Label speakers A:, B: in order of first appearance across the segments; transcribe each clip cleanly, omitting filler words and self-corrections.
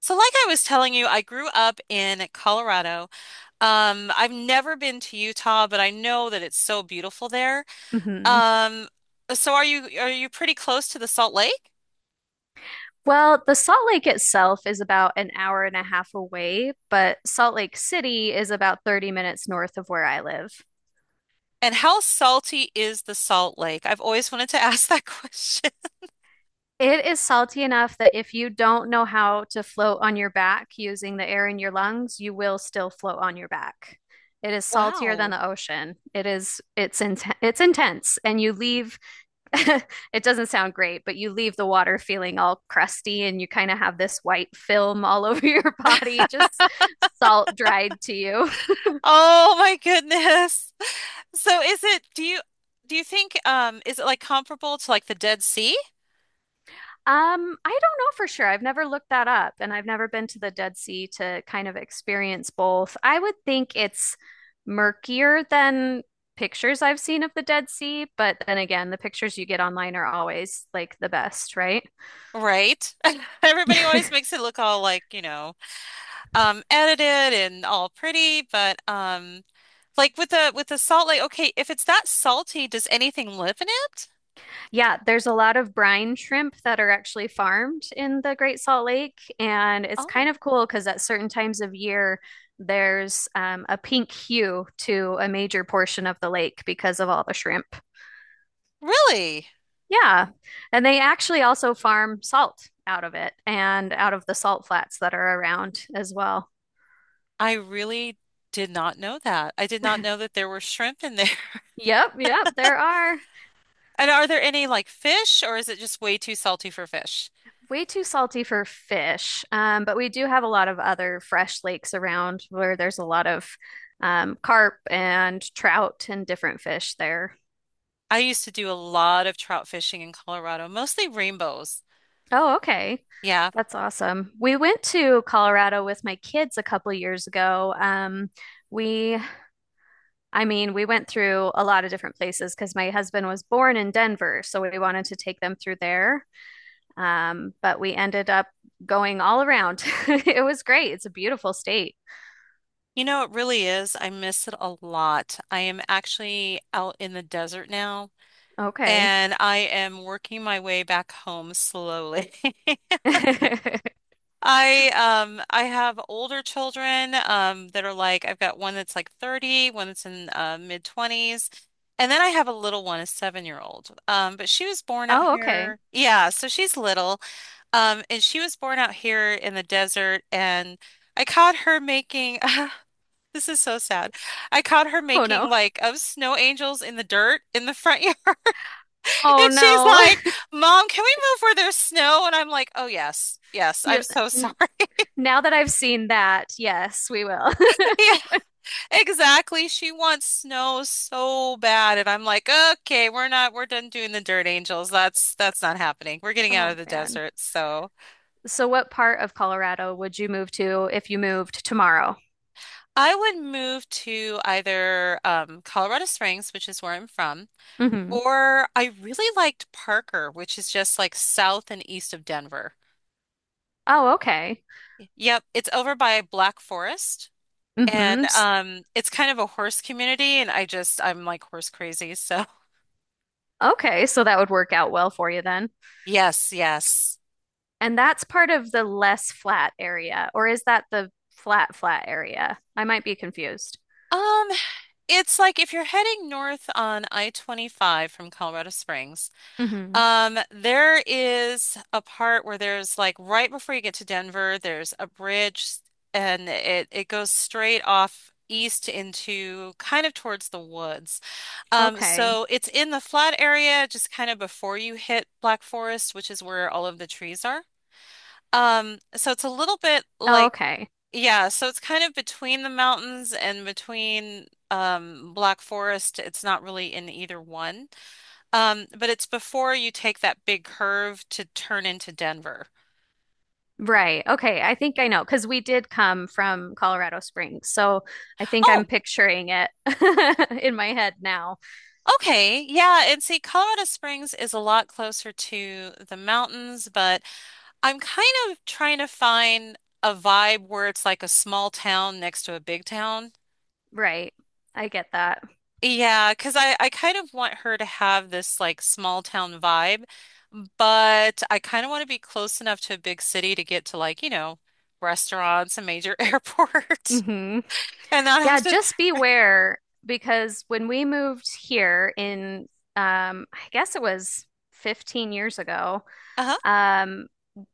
A: So, like I was telling you, I grew up in Colorado. I've never been to Utah, but I know that it's so beautiful there.
B: Hmm.
A: Um, so are you pretty close to the Salt Lake?
B: Well, the Salt Lake itself is about an hour and a half away, but Salt Lake City is about 30 minutes north of where I live.
A: And how salty is the Salt Lake? I've always wanted to ask that question.
B: It is salty enough that if you don't know how to float on your back using the air in your lungs, you will still float on your back. It is saltier than
A: Wow.
B: the ocean. It is it's in, it's intense and you leave it doesn't sound great, but you leave the water feeling all crusty and you kind of have this white film all over your body, just salt dried to you.
A: Oh my goodness. So is it, do you think is it like comparable to like the Dead Sea?
B: I don't know for sure. I've never looked that up and I've never been to the Dead Sea to kind of experience both. I would think it's murkier than pictures I've seen of the Dead Sea, but then again, the pictures you get online are always like the best, right?
A: Right? Everybody always makes it look all like, edited and all pretty, but like with the salt like okay, if it's that salty, does anything live in it?
B: Yeah, there's a lot of brine shrimp that are actually farmed in the Great Salt Lake, and it's kind
A: Oh,
B: of cool because at certain times of year, there's a pink hue to a major portion of the lake because of all the shrimp.
A: really?
B: Yeah, and they actually also farm salt out of it and out of the salt flats that are around as well.
A: I really did not know that. I did not know that there were shrimp in there.
B: Yep, yep, there are.
A: And are there any like fish or is it just way too salty for fish?
B: Way too salty for fish, but we do have a lot of other fresh lakes around where there's a lot of carp and trout and different fish there.
A: I used to do a lot of trout fishing in Colorado, mostly rainbows.
B: Oh, okay.
A: Yeah.
B: That's awesome. We went to Colorado with my kids a couple of years ago. We, I mean, we went through a lot of different places because my husband was born in Denver, so we wanted to take them through there. But we ended up going all around. It was great. It's a beautiful state.
A: You know, it really is. I miss it a lot. I am actually out in the desert now,
B: Okay.
A: and I am working my way back home slowly. I have older children that are like I've got one that's like 30, one that's in mid 20s, and then I have a little one, a 7 year old. But she was born out
B: Oh, okay.
A: here. Yeah, so she's little. And she was born out here in the desert, and I caught her making. this is so sad. I caught her
B: Oh
A: making
B: no.
A: like of snow angels in the dirt in the front yard.
B: Oh
A: And she's
B: no.
A: like, Mom, can we move where there's snow? And I'm like, Oh, yes, yes, I'm
B: You,
A: so sorry.
B: n- Now that I've seen that, yes, we will.
A: Yeah, exactly. She wants snow so bad. And I'm like, Okay, we're not, we're done doing the Dirt Angels. That's not happening. We're getting out of
B: Oh
A: the
B: man.
A: desert. So
B: So what part of Colorado would you move to if you moved tomorrow?
A: I would move to either Colorado Springs, which is where I'm from,
B: Mm-hmm.
A: or I really liked Parker, which is just like south and east of Denver.
B: Oh, okay.
A: Yep, it's over by Black Forest. And
B: Mm-hmm.
A: it's kind of a horse community, and I'm like horse crazy. So
B: Okay, so that would work out well for you then.
A: yes, yes.
B: And that's part of the less flat area, or is that the flat area? I might be confused.
A: Um, it's like if you're heading north on I-25 from Colorado Springs,
B: Hmm.
A: there is a part where there's like right before you get to Denver, there's a bridge, and it goes straight off east into kind of towards the woods.
B: Okay.
A: So it's in the flat area, just kind of before you hit Black Forest, which is where all of the trees are. So it's a little bit
B: Oh,
A: like,
B: okay.
A: yeah, so it's kind of between the mountains and between Black Forest. It's not really in either one. But it's before you take that big curve to turn into Denver.
B: Right. Okay. I think I know because we did come from Colorado Springs. So I think I'm
A: Oh,
B: picturing it in my head now.
A: okay. Yeah, and see, Colorado Springs is a lot closer to the mountains, but I'm kind of trying to find a vibe where it's like a small town next to a big town.
B: Right. I get that.
A: Yeah, because I kind of want her to have this like small town vibe, but I kind of want to be close enough to a big city to get to like, restaurants, a major airport,
B: Hmm.
A: and not
B: Yeah,
A: have to.
B: just beware because when we moved here, I guess it was 15 years ago.
A: Uh-huh.
B: Um,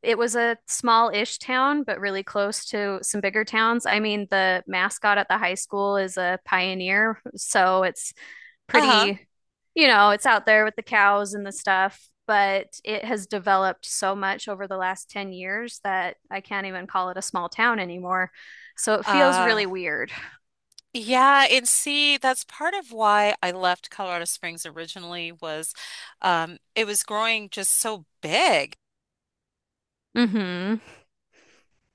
B: it was a small-ish town, but really close to some bigger towns. I mean, the mascot at the high school is a pioneer, so it's
A: Uh-huh.
B: pretty, you know, it's out there with the cows and the stuff, but it has developed so much over the last 10 years that I can't even call it a small town anymore. So it feels
A: Uh,
B: really weird.
A: yeah, and see, that's part of why I left Colorado Springs originally was it was growing just so big.
B: Hmm.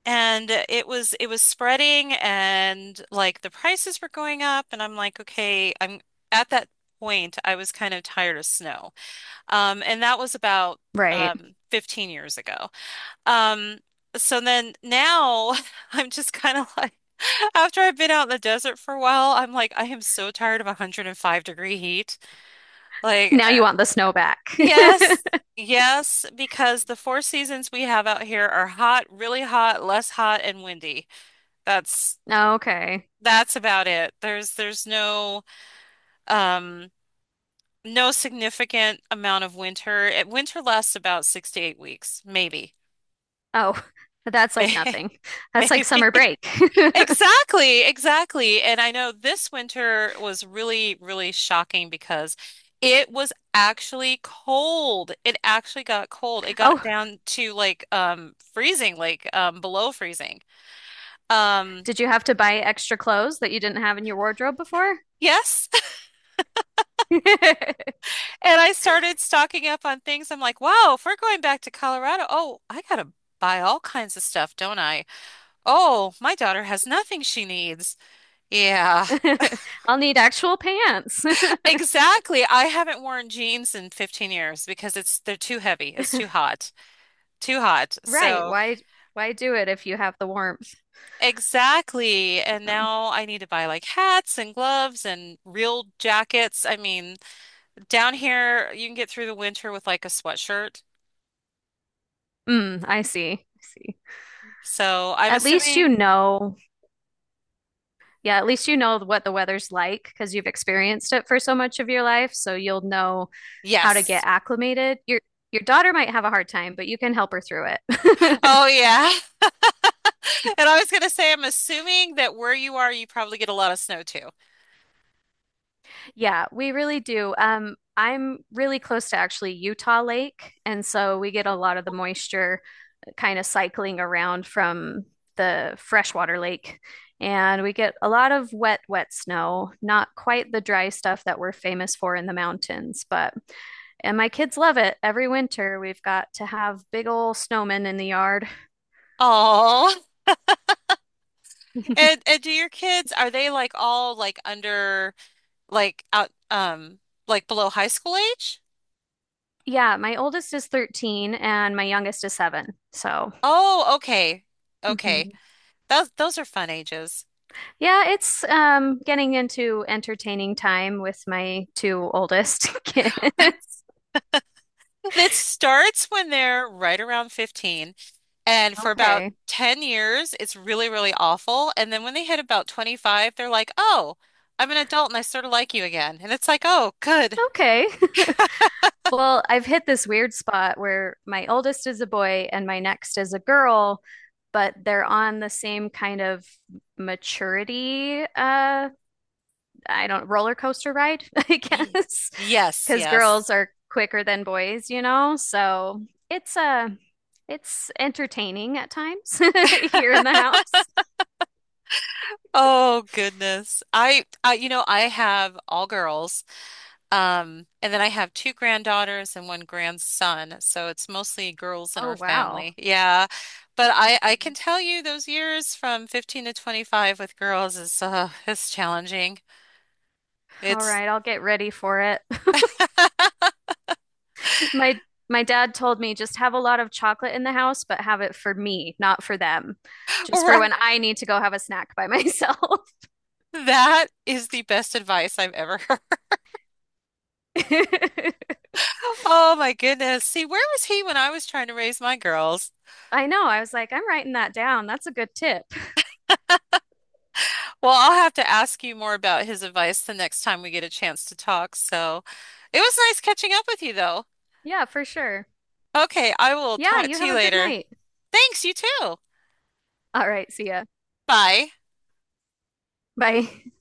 A: And it was spreading and like the prices were going up and I'm like, okay, I'm at that point I was kind of tired of snow. And that was about
B: Right.
A: 15 years ago. Um so then now I'm just kind of like after I've been out in the desert for a while, I'm like I am so tired of 105-degree heat. Like
B: Now you
A: uh,
B: want the snow back.
A: yes. Yes, because the four seasons we have out here are hot, really hot, less hot, and windy. That's
B: Okay.
A: that's about it. There's no um no significant amount of winter. Winter lasts about 6 to 8 weeks, maybe.
B: Oh, that's like
A: May-
B: nothing. That's like
A: Maybe.
B: summer break.
A: Exactly, exactly. And I know this winter was really, really shocking because it was actually cold. It actually got cold. It got
B: Oh,
A: down to like freezing, like below freezing. Um
B: did you have to buy extra clothes that you didn't have in your wardrobe before?
A: yes, and I started stocking up on things. I'm like, wow, if we're going back to Colorado, oh, I gotta buy all kinds of stuff, don't I? Oh, my daughter has nothing she needs. Yeah,
B: I'll need actual pants.
A: exactly. I haven't worn jeans in 15 years because it's they're too heavy. It's too hot. Too hot.
B: Right.
A: So,
B: Why do it if you have the warmth?
A: exactly. And
B: Um,
A: now I need to buy like hats and gloves and real jackets. I mean, down here you can get through the winter with like a sweatshirt.
B: mm, I see. I see.
A: So, I'm
B: At least you
A: assuming.
B: know. Yeah, at least you know what the weather's like because you've experienced it for so much of your life, so you'll know how to get
A: Yes.
B: acclimated. Your daughter might have a hard time, but you can help her through it.
A: Oh yeah. And I was gonna say, I'm assuming that where you are, you probably get a lot of snow too.
B: Yeah, we really do. I'm really close to actually Utah Lake, and so we get a lot of the moisture kind of cycling around from the freshwater lake. And we get a lot of wet snow, not quite the dry stuff that we're famous for in the mountains, but and my kids love it. Every winter, we've got to have big old snowmen in the yard.
A: Oh, and do your kids, are they like all like under like out like below high school age?
B: Yeah, my oldest is 13 and my youngest is seven. So,
A: Oh, okay. Okay.
B: mhm.
A: Those are fun ages.
B: Yeah, it's getting into entertaining time with my two oldest kids.
A: It starts when they're right around 15 and for about
B: Okay.
A: 10 years it's really, really awful. And then when they hit about 25, they're like, "Oh, I'm an adult and I sort of like you again." And it's like, "Oh, good."
B: Okay. Well, I've hit this weird spot where my oldest is a boy and my next is a girl, but they're on the same kind of maturity, I don't, roller coaster ride, I
A: Ye-
B: guess,
A: Yes,
B: because
A: yes.
B: girls are quicker than boys, you know? So it's uh it's entertaining at times here in the house.
A: Oh goodness. I have all girls. And then I have two granddaughters and one grandson. So it's mostly girls in
B: Oh
A: our
B: wow.
A: family. Yeah. But I can tell you those years from 15 to 25 with girls is it's challenging.
B: All
A: It's
B: right, I'll get ready for it. My my dad told me just have a lot of chocolate in the house, but have it for me, not for them. Just for
A: right.
B: when I need to go have a snack by myself.
A: That is the best advice I've ever heard. Oh my goodness. See, where was he when I was trying to raise my girls?
B: I know. I was like, I'm writing that down. That's a good tip.
A: Well, I'll have to ask you more about his advice the next time we get a chance to talk. So it was nice catching up with you, though.
B: Yeah, for sure.
A: Okay, I will
B: Yeah,
A: talk
B: you
A: to
B: have
A: you
B: a good
A: later.
B: night.
A: Thanks, you too.
B: All right, see ya.
A: Bye.
B: Bye.